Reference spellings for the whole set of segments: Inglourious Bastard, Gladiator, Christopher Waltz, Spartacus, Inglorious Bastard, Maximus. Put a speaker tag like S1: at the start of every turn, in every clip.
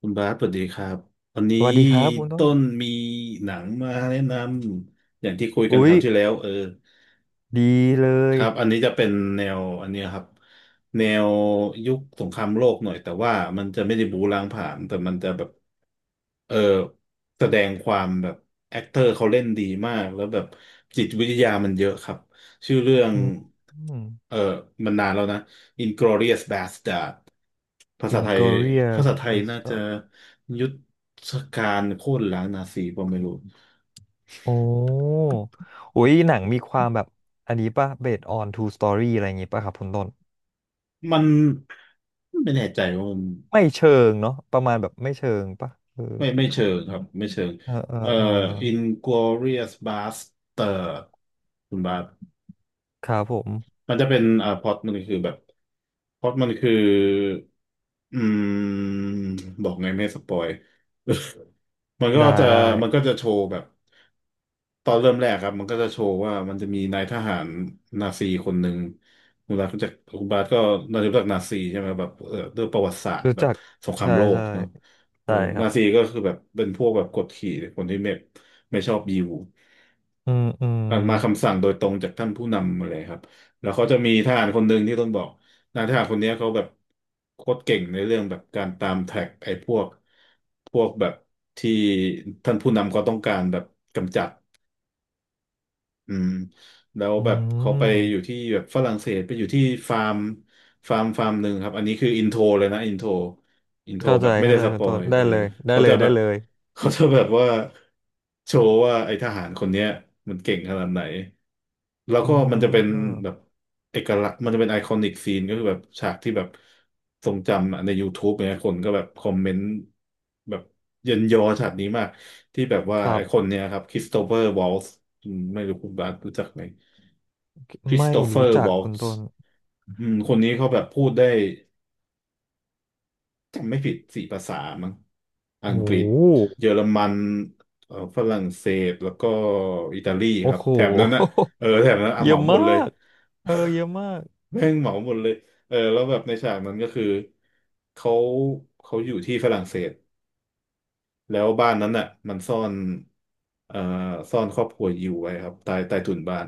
S1: คุณบาสสวัสดีครับวันนี้
S2: สวัสดีครับคุณต้
S1: ต้
S2: น
S1: นมีหนังมาแนะนำอย่างที่คุยกัน
S2: อุ๊
S1: ค
S2: ย
S1: ราวที่แล้ว
S2: ดีเล
S1: ค
S2: ย
S1: รับอันนี้จะเป็นแนวอันเนี้ยครับแนวยุคสงครามโลกหน่อยแต่ว่ามันจะไม่ได้บู๊ล้างผลาญแต่มันจะแบบเออแสดงความแบบแอคเตอร์เขาเล่นดีมากแล้วแบบจิตวิทยามันเยอะครับชื่อเรื่อง
S2: อืม
S1: เออมันนานแล้วนะ i n g l o r i o u s Bastard ภาษาไทยภาษา
S2: Inglourious
S1: ไทยน่าจะ
S2: Bastard
S1: ยุทธการโค่นล้างนาซีผมไม่รู้
S2: โอ้อุ๊ยหนังมีความแบบอันนี้ป่ะ based on true story อะไรอย่างงี้ป่ะครับคุณต้น
S1: มันไม่แน่ใจว่ามัน
S2: ไม่เชิงเนาะประมาณแบบไม่เชิงป่ะเออ
S1: ไม่เชิงครับไม่เชิง
S2: เออเออ
S1: เอ่อ
S2: เออ
S1: Inglorious Bastard คุณบาส
S2: ครับผม
S1: มันจะเป็นพล็อตมันคือแบบพล็อตมันคืออืมบอกไงไม่ให้สปอย มันก็
S2: ได้
S1: จะ
S2: ได้
S1: มันก็จะโชว์แบบตอนเริ่มแรกครับมันก็จะโชว์ว่ามันจะมีนายทหารนาซีคนหนึ่งคุณบาสรู้จักคุณบาสก็น่าจะรู้จักนาซีใช่ไหมแบบด้วยประวัติศาสตร์
S2: รู้
S1: แบบ
S2: จัก
S1: สงคราม
S2: ใช่
S1: โลก
S2: ใช่
S1: เนาะเอ
S2: ใช่
S1: อ
S2: ครั
S1: นา
S2: บ
S1: ซีก็คือแบบเป็นพวกแบบกดขี่คนที่ไม่ชอบยิว
S2: อืมอืม
S1: มาคำสั่งโดยตรงจากท่านผู้นำอะไรครับแล้วเขาจะมีทหารคนหนึ่งที่ต้องบอกนายทหารคนเนี้ยเขาแบบโคตรเก่งในเรื่องแบบการตามแท็กไอ้พวกแบบที่ท่านผู้นำเขาต้องการแบบกำจัด อืมแล้ว
S2: อื
S1: แบบเขา
S2: ม
S1: ไปอยู่ที่แบบฝรั่งเศสไปอยู่ที่ฟาร์มฟาร์มหนึ่งครับอันนี้คืออินโทรเลยนะอินโทร
S2: เข้า
S1: แบ
S2: ใจ
S1: บไม่
S2: เข้า
S1: ได้
S2: ใจ
S1: ส
S2: คุ
S1: ป
S2: ณ
S1: อ
S2: ต้
S1: ย
S2: นได้เลยได้
S1: เขา
S2: เล
S1: จะ
S2: ย
S1: แบ
S2: ได้
S1: บ
S2: เลย
S1: เขาจะแบบว่าโชว์ว่าไอ้ทหารคนเนี้ยมันเก่งขนาดไหนแล้ว
S2: อ่
S1: ก็มันจะเป็น
S2: า
S1: แบบเอกลักษณ์มันจะเป็นไอคอนิกซีนก็คือแบบฉากที่แบบทรงจำอะใน YouTube เนี่ยคนก็แบบคอมเมนต์แบบเยินยอฉากนี้มาก ที่แบบว่า
S2: ครั
S1: ไอ้คน
S2: บ
S1: เนี้ยครับคริสโตเฟอร์วอลซ์ไม่รู้คุณบาสรู้จักไหมคริส
S2: ไม่
S1: โตเฟอ
S2: รู้
S1: ร์
S2: จั
S1: ว
S2: ก
S1: อล
S2: คุณ
S1: ซ์
S2: ต้น
S1: อืมคนนี้เขาแบบพูดได้จำไม่ผิด4 ภาษามั้งอั
S2: โอ้
S1: งกฤษ
S2: โห
S1: เยอรมันฝรั่งเศสแล้วก็อิตาลีค
S2: โอ้
S1: รับ
S2: โห
S1: แถบนั้นอะเออแถบนั้นอ่ะ
S2: เย
S1: เห
S2: อะ
S1: มาหม
S2: มา
S1: ดเลย
S2: ก เออเยอะมาก
S1: แม่งเหมาหมดเลยเออแล้วแบบในฉากนั้นก็คือเขาเขาอยู่ที่ฝรั่งเศส แล้วบ้านนั้นน่ะมันซ่อนเอ่อซ่อนครอบครัวยิวไว้ครับใต้ถุนบ้าน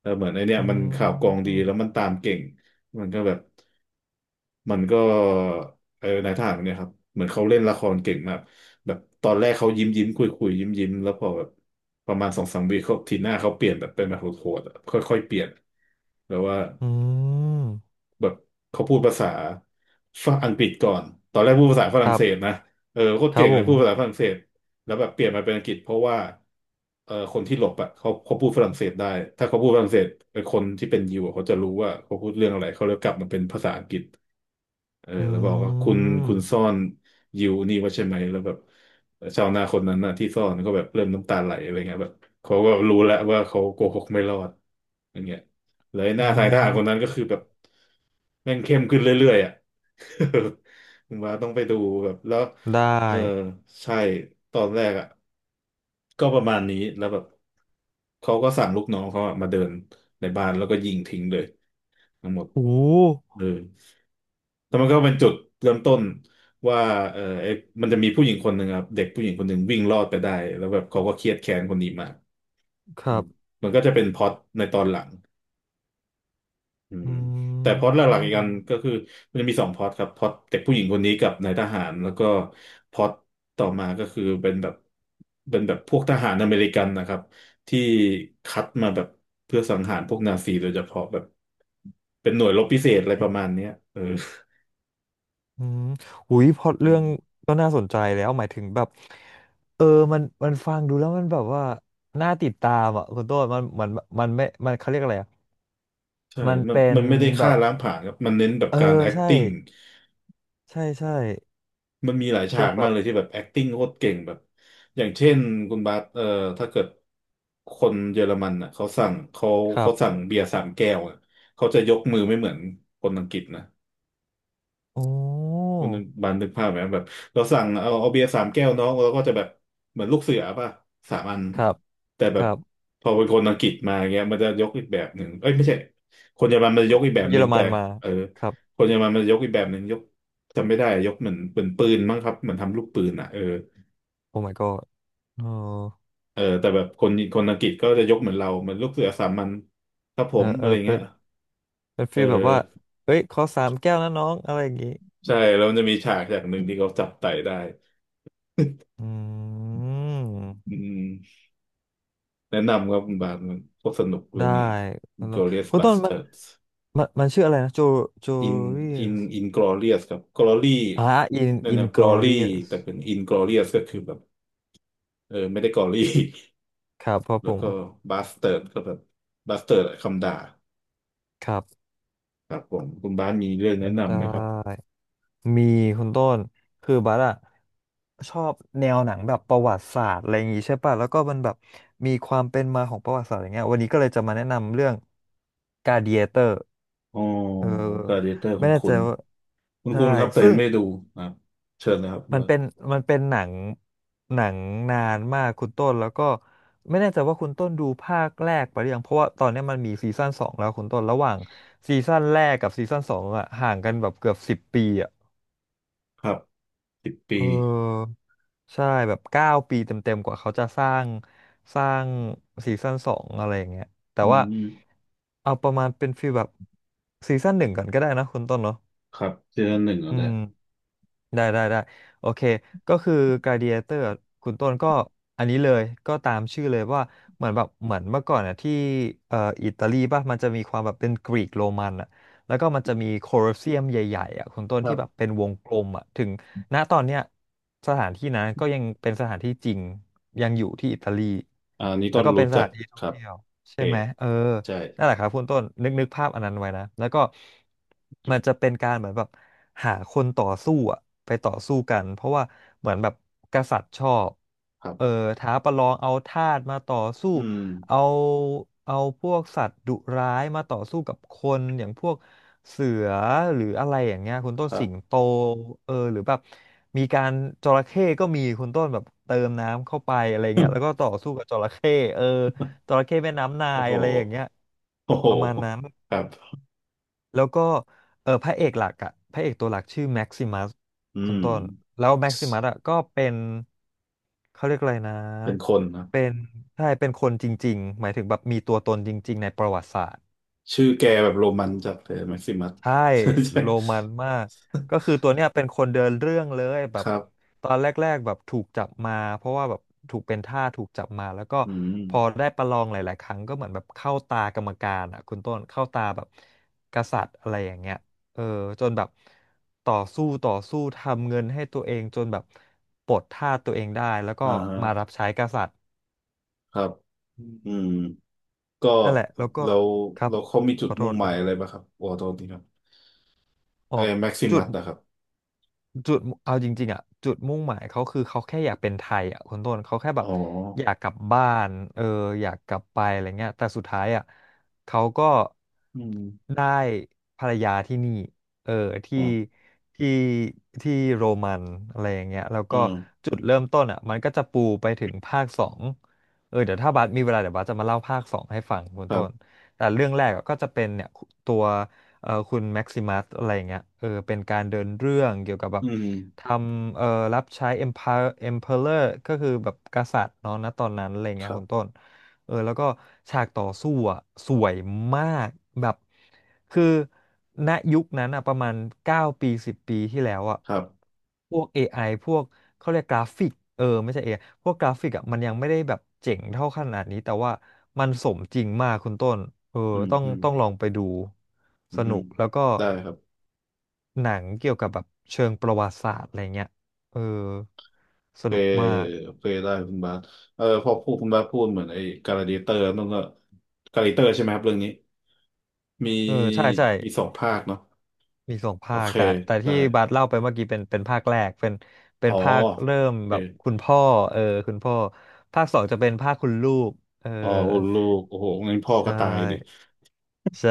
S1: แล้วเหมือนไอเนี่ย
S2: อื
S1: มันข่าวกรองดี
S2: ม
S1: แล้วมันตามเก่ง มันก็แบบมันก็เออนายทหารคนเนี่ยครับเหมือนเขาเล่นละครเก่งมากแบบตอนแรกเขายิ้มยิ้มคุยคุยยิ้มยิ้มแล้วพอแบบประมาณสองสามวีเขาทีหน้าเขาเปลี่ยนแบบเป็นแบบโหดๆอะค่อยๆ เปลี่ยนแล้วว่า
S2: อืม
S1: แบบเขาพูดภาษาฝั่งอังกฤษก่อน ตอนแรกพูดภาษาฝ
S2: ค
S1: รั่ง
S2: รั
S1: เศส
S2: บ
S1: นะโคตร
S2: ครั
S1: เก่
S2: บ
S1: ง
S2: ผ
S1: เลยพูดภาษา
S2: ม
S1: ฝรั่งเศสแล้วแบบเปลี่ยนมาเป็นอังกฤษเพราะว่าคนที่หลบอ่ะเขาพูดฝรั่งเศสได้ถ้าเขาพูดฝรั่งเศสคนที่เป็นยิวอะเขาจะรู้ว่าเขาพูดเรื่องอะไรเขาเลยกลับมาเป็นภาษาอังกฤษ เออ
S2: อื
S1: แล้วบอกว่าคุณ
S2: ม
S1: ซ่อนยิวนี่ไว่าใช่ไหมแล้วแบบชาวนาคนนั้นน่ะที่ซ่อนก็แบบเริ่มน้ำตาไหลอะไรเงี้ยแบบเขาก็รู้แล้วว่าเขาโกหกไม่รอดอย่างเงี้ยเลยห
S2: อ่
S1: น้าทายทหารคนนั้
S2: า
S1: นก็คือแบบแม่งเข้มขึ้นเรื่อยๆอ่ะ ผมว่าต้องไปดูแบบแล้ว
S2: ได้
S1: เออใช่ตอนแรกอ่ะก็ประมาณนี้แล้วแบบเขาก็สั่งลูกน้องเขาอะมาเดินในบ้านแล้วก็ยิงทิ้งเลยทั้งหมด
S2: โอ้
S1: เออ แล้วมันก็เป็นจุดเริ่มต้นว่าไอ้มันจะมีผู้หญิงคนหนึ่งครับเด็กผู้หญิงคนหนึ่งวิ่งรอดไปได้แล้วแบบเขาก็เครียดแค้นคนนี้มาก
S2: ค
S1: อื
S2: รั
S1: ม
S2: บ
S1: มันก็จะเป็นพล็อตในตอนหลังอื
S2: อ
S1: ม
S2: ื
S1: แต่พล็อตหลักๆอีกอันก็
S2: ม
S1: คือมันจะมี2 พล็อตครับพล็อตเด็กผู้หญิงคนนี้กับนายทหารแล้วก็พล็อตต่อมาก็คือเป็นแบบพวกทหารอเมริกันนะครับที่คัดมาแบบเพื่อสังหารพวกนาซีโดยเฉพาะแบบเป็นหน่วยรบพิเศษอะไรประมาณเนี้ย
S2: อืมอุ้ยพล็อตเรื่อ
S1: อื
S2: ง
S1: ม
S2: ก็น่าสนใจแล้ว หมายถึงแบบเออมันฟังดูแล้วมันแบบว่า น่าติดตามอ่ะคุณต้นมันไม่เขาเรียกอะไรอ่ะ
S1: ใช่
S2: มัน
S1: มัน
S2: เป็น
S1: ไม่ได้
S2: แบ
S1: ฆ่า
S2: บ
S1: ล้างผลาญครับ มันเน้นแบบ
S2: เออ
S1: การ
S2: ใช่
S1: acting
S2: ใช่ ใช่
S1: มันมีหลายฉา
S2: เป็น
S1: ก
S2: แบ
S1: มาก
S2: บ
S1: เลยที่แบบ acting โคตรเก่งแบบ อย่างเช่นคุณบาสถ้าเกิดคนเยอรมันอ่ะเขาสั่งเขา
S2: ครั
S1: เขา
S2: บ
S1: สั่งเบียร์3 แก้วอะเขาจะยกมือไม่เหมือนคนอังกฤษนะ
S2: โอ้อ
S1: คุณบันนึกภาพไหมแบบเราสั่งเอาเบียร์3 แก้วน้องเราก็จะแบบเหมือนลูกเสือป่ะ3 อัน
S2: ครับ
S1: แต่แบ
S2: ค
S1: บ
S2: รับ
S1: พอเป็นคนอังกฤษมาเงี้ยมันจะยกอีกแบบหนึ่งเอ้ยไม่ใช่คนเยอรมันมันจะยกอีกแบ
S2: เป็น
S1: บ
S2: เย
S1: ห
S2: อ
S1: นึ่
S2: ร
S1: ง
S2: มั
S1: แต่
S2: นมา
S1: เออ
S2: ครับ
S1: คนเยอรมันมันจะยกอีกแบบหนึ่งยกจำไม่ได้ยกเหมือนเป็นปืนมั้งครับเหมือนทำลูกปืนอ่ะเออ
S2: โอ้ my god เออ
S1: เออแต่แบบคนอังกฤษก็จะยกเหมือนเราเหมือนลูกเสือสามัญครับผ
S2: เออ
S1: ม
S2: เอ
S1: อะ
S2: อ
S1: ไร
S2: เป็
S1: เงี้
S2: น
S1: ย
S2: เป็น
S1: เอ
S2: ฟี
S1: อ
S2: ลแบบว่า เฮ้ย ขอสามแก้วนะน้อง อะไรอย่างงี้
S1: ใช่แล้วมันจะมีฉากหนึ่งที่เขาจับไต่ได้
S2: อื
S1: อื
S2: ม
S1: ม แนะนำครับคุณบาทมันก็สนุกเรื่
S2: ได้
S1: องนี้
S2: คุณต้น
S1: Glorious
S2: คุณต้นมัน
S1: Bastards
S2: มัน มันชื่ออะไรนะ โจโจ
S1: In
S2: เรีย
S1: In
S2: ส
S1: Inglorious ครับ Glory
S2: อ่าอิน
S1: นั่น
S2: อิน
S1: นะ
S2: กอ
S1: Glory
S2: เรียส
S1: แต่เป็น Inglorious ก็คือแบบเออไม่ได้ Glory
S2: ครับครับ
S1: แล้
S2: ผ
S1: ว
S2: ม
S1: ก็ Bastard ก็แบบ Bastard คำด่า
S2: ครับ
S1: ครับผมคุณบ้านมีเรื่องแนะ
S2: ได้
S1: นำไหมครับ
S2: มีคุณต้นคือบัสอะชอบแนวหนังแบบประวัติศาสตร์อะไรอย่างงี้ใช่ป่ะแล้วก็มันแบบมีความเป็นมาของประวัติศาสตร์อย่างเงี้ยวันนี้ก็เลยจะมาแนะนำเรื่องกา a d เ a เตอร์
S1: อ๋อ
S2: เออ
S1: Gladiator
S2: ไม่
S1: คุณ
S2: แน่
S1: คุ
S2: ใจ
S1: ณ
S2: ว่า
S1: คุณ
S2: ใช่
S1: คุณครับแต่
S2: ซึ่ง
S1: ไม่ดูครับเชิญนะครับ
S2: มัน
S1: ว่า
S2: เป็นหนังหนังนานมากคุณต้นแล้วก็ไม่แน่ใจว่าคุณต้นดูภาคแรกไปหรือยังเพราะว่าตอนเนี้ยมันมีซีซั่นสองแล้วคุณต้นระหว่างซีซั่นแรกกับซีซั่นสองอะห่างกันแบบเกือบ10 ปีอะ
S1: ครับสิบ
S2: เ
S1: ปี
S2: ออใช่แบบ9 ปีเต็มๆกว่าเขาจะสร้างสร้างซีซั่นสองอะไรอย่างเงี้ยแต่
S1: อื
S2: ว่า
S1: ม
S2: เอาประมาณเป็นฟีลแบบซีซั่นหนึ่งก่อนก็ได้นะคุณต้นเนาะ
S1: ครับซีซั่นหนึ่งแล้ว
S2: อื
S1: แหละ
S2: ม ได้ได้ได้โอเคก็คือ Gladiator อะคุณต้นก็อันนี้เลยก็ตามชื่อเลยว่าเหมือนแบบเหมือนเมื่อก่อนอ่ะที่เอ่ออิตาลีป่ะมันจะมีความแบบเป็นกรีกโรมันอ่ะแล้วก็มันจะมีโคลอสเซียมใหญ่ๆอ่ะคุณต้น
S1: ครั
S2: ที่แบบ
S1: บ
S2: เป็นวงกลมอ่ะถึงณตอนเนี้ยสถานที่นั้นก็ยังเป็นสถานที่จริงยังอยู่ที่อิตาลี
S1: อ่านี้
S2: แล้
S1: ต้
S2: ว
S1: น
S2: ก็เป็
S1: รู้
S2: นส
S1: จั
S2: ถา
S1: ก
S2: นที่ท่
S1: ค
S2: อง
S1: รับ
S2: เที่ยว
S1: โอเค
S2: ใช่ไหมเออ
S1: ใช่
S2: นั่นแหละครับคุณต้นนึกนึกภาพอันนั้นไว้นะแล้วก็
S1: อ
S2: มั
S1: ยู่
S2: นจะเป็นการเหมือนแบบหาคนต่อสู้อะไปต่อสู้กันเพราะว่าเหมือนแบบกษัตริย์ชอบ
S1: ครั
S2: เออ
S1: บ
S2: ท้าประลองเอาทาสมาต่อสู้
S1: อืม
S2: เอาเอาพวกสัตว์ดุร้ายมาต่อสู้กับคนอย่างพวก เสือหรืออะไรอย่างเงี้ยคุณ
S1: ค
S2: ต้น
S1: รั
S2: สิง
S1: บ
S2: โตเออหรือแบบมีการจระเข้ก็มีคุณต้นแบบเติมน้ำเข้าไปอะไรเงี้ยแล้วก็ต่ อสู้กับจระเข้เออจระเข้แม่น้ำนา
S1: โอ้
S2: ย
S1: โห
S2: อะไรอย่างเงี้ย
S1: โอ้โห
S2: ประมาณนั้น
S1: ครับ
S2: แล้วก็เออพระเอกหลักอะพระเอกตัวหลักชื่อแม็กซิมัส
S1: อื
S2: คุณ
S1: ม
S2: ต้นแล้วแม็กซิมัสอะก็เป็นเขาเรียกอะไรนะ
S1: เป็นคนนะ
S2: เป็นใช่เป็นคนจริงๆหมายถึงแบบมีตัวตนจริงๆในประวัติศาสตร์
S1: ชื่อแกแบบโรมันจัดเลยแม็กซิมัส
S2: ใช่
S1: ใช่ใช่
S2: โรมันมากก็คือตัวเนี้ยเป็นคนเดินเรื่องเลยแบ
S1: ค
S2: บ
S1: รับ
S2: ตอนแรกๆแบบถูกจับมาเพราะว่าแบบถูกเป็นทาสถูกจับมาแล้วก็
S1: อืม
S2: พอได้ประลองหลายๆครั้งก็เหมือนแบบเข้าตากรรมการอ่ะคุณต้นเข้าตาแบบกษัตริย์อะไรอย่างเงี้ยเออจนแบบต่อสู้ต่อสู้ทำเงินให้ตัวเองจนแบบปลดทาสตัวเองได้แล้วก็
S1: อ่าฮะ
S2: มารับใช้กษัตริย์
S1: ครับ
S2: อื
S1: อื
S2: ม
S1: มก็
S2: นั่นแหละแล้วก็
S1: แล้ว
S2: ครับ
S1: แล้วเขามีจุ
S2: ข
S1: ด
S2: อโท
S1: มุ่
S2: ษ
S1: ง
S2: ข
S1: ห
S2: อ
S1: มาย
S2: โท
S1: อะไร
S2: ษ
S1: บ้างครับโอ้ตอนนี้ครับ
S2: อ๋อ
S1: ไอ้แม็กซิ
S2: จุ
S1: มั
S2: ด
S1: สนะครับ
S2: จุดเอาจริงๆอ่ะจุดมุ่งหมายเขาคือเขาแค่อยากเป็นไทยอ่ะคนต้นเขาแค่แบ
S1: อ๋อ
S2: บอยากกลับบ้านเอออยากกลับไปอะไรเงี้ยแต่สุดท้ายอ่ะเขาก็
S1: อืม
S2: ได้ภรรยาที่นี่เออที่
S1: อ๋อ
S2: ที่โรมันอะไรอย่างเงี้ยแล้ว
S1: เอ
S2: ก็
S1: อ
S2: จุดเริ่มต้นอ่ะมันก็จะปูไปถึงภาคสองเออเดี๋ยวถ้าบาสมีเวลาเดี๋ยวบาสจะมาเล่าภาคสองให้ฟังคุณ
S1: ครั
S2: ต้น
S1: บ
S2: แต่เรื่องแรกอะก็จะเป็นเนี่ยตัว คุณแม็กซิมัสอะไรอย่างเงี้ยเออเป็นการเดินเรื่องเกี่ยวกับแบ
S1: อื
S2: บ
S1: ม
S2: ทำรับใช้ Empire Emperor ก็คือแบบกษัตริย์เนาะณตอนนั้นอะไรอย่าง
S1: ค
S2: เงี้ย
S1: รั
S2: คุณ
S1: บ
S2: ต้นเออแล้วก็ฉากต่อสู้อ่ะสวยมากแบบคือณยุคนั้นอ่ะประมาณ9ปี10ปีที่แล้วอ่ะ
S1: ครับ
S2: พวก AI พวกเขาเรียกกราฟิกเออไม่ใช่เอไอพวกกราฟิกอ่ะมันยังไม่ได้แบบเจ๋งเท่าขนาดนี้แต่ว่ามันสมจริงมากคุณต้นเออ
S1: อืม
S2: ต้อง
S1: อืม
S2: ต้องลองไปดู
S1: อื
S2: สนุ
S1: ม
S2: กแล้วก็
S1: ได้ครับ
S2: หนังเกี่ยวกับแบบเชิงประวัติศาสตร์อะไรเงี้ยเออส
S1: เค
S2: นุก
S1: ย
S2: มาก
S1: เคยได้คุณบาสเออพอพูดคุณบาสพูดเหมือนไอ้การาเดิเตอร์นั่นก็การาเดิเตอร์ใช่ไหมครับเรื่องนี้มี
S2: เออใช่ใช่
S1: มีสองภาคเนาะ
S2: มีสอง
S1: โอ
S2: ภาค
S1: เค
S2: แต่แต่
S1: ได้
S2: ที่บาสเล่าไปเมื่อกี้เป็นเป็นภาคแรกเป็นเป็
S1: อ๋
S2: น
S1: อ
S2: ภาคเริ่ม
S1: โอเค
S2: แบบคุณพ่อเออคุณพ่อภาคสองจะเป็นภาคคุณลูกเออ
S1: อ๋อคุณลูกโอ้โหงั้นพ่อ
S2: ใช
S1: ก็ตายดิ
S2: ่ใช่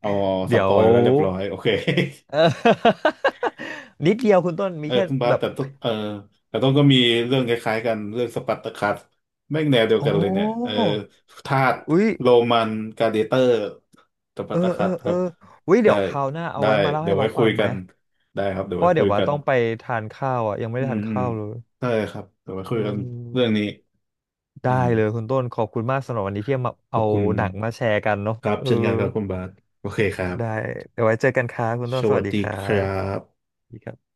S1: เอาส
S2: เดี๋ย
S1: ป
S2: ว
S1: อยแล้วเรียบร้อยโอเค
S2: เออ นิดเดียวคุณต้นมี
S1: เออ
S2: แค่
S1: คุณบาส
S2: แบบ
S1: แต่ต้องเออแต่ต้องก็มีเรื่องคล้ายๆกันเรื่องสปัร์ตาคัสแม่งแนวเดียว
S2: โอ้
S1: กันเลยเนี่ยเออทาส
S2: อุ้ย
S1: โรมันกลาดิเตอร์สปั
S2: เออ
S1: ร์ตา
S2: เอ
S1: คั
S2: อ
S1: สค
S2: เอ
S1: รั
S2: อ
S1: บ
S2: อุ้ย
S1: ได้
S2: เดี๋ยวคราวหน้าเอา
S1: ได้
S2: ไว้มาเล่า
S1: เดี๋ย
S2: ให้
S1: วไว้
S2: บาส
S1: คุ
S2: ฟั
S1: ย
S2: งไห
S1: กั
S2: ม
S1: นได้ครับเดี๋ย
S2: เพ
S1: ว
S2: ราะ
S1: ไว้
S2: ว่า
S1: คุ
S2: เดี๋ย
S1: ย
S2: วว่า
S1: กัน
S2: ต้องไปทานข้าวอ่ะยังไม่
S1: อื
S2: ได้
S1: ม
S2: ทาน
S1: อืม
S2: ข้าวเลย
S1: ได้ครับเดี๋ยวไว้
S2: อื
S1: คุยกัน
S2: ม
S1: เรื่องนี้อื
S2: ได้
S1: ม
S2: เลยคุณต้นขอบคุณมากสำหรับวันนี้ที่มา
S1: ขอ
S2: เอา
S1: บคุณ
S2: หนังมาแชร์กันเนาะ
S1: ครับ
S2: เออ
S1: เช่นกันครับคุณบาสโอเคครั
S2: ได้
S1: บ
S2: เดี๋ยวไว้เจอกันครับคุณ
S1: ส
S2: ต้นส
S1: วั
S2: วัส
S1: ส
S2: ดี
S1: ดี
S2: ครั
S1: ค
S2: บ
S1: รับ
S2: สวัสดีครับ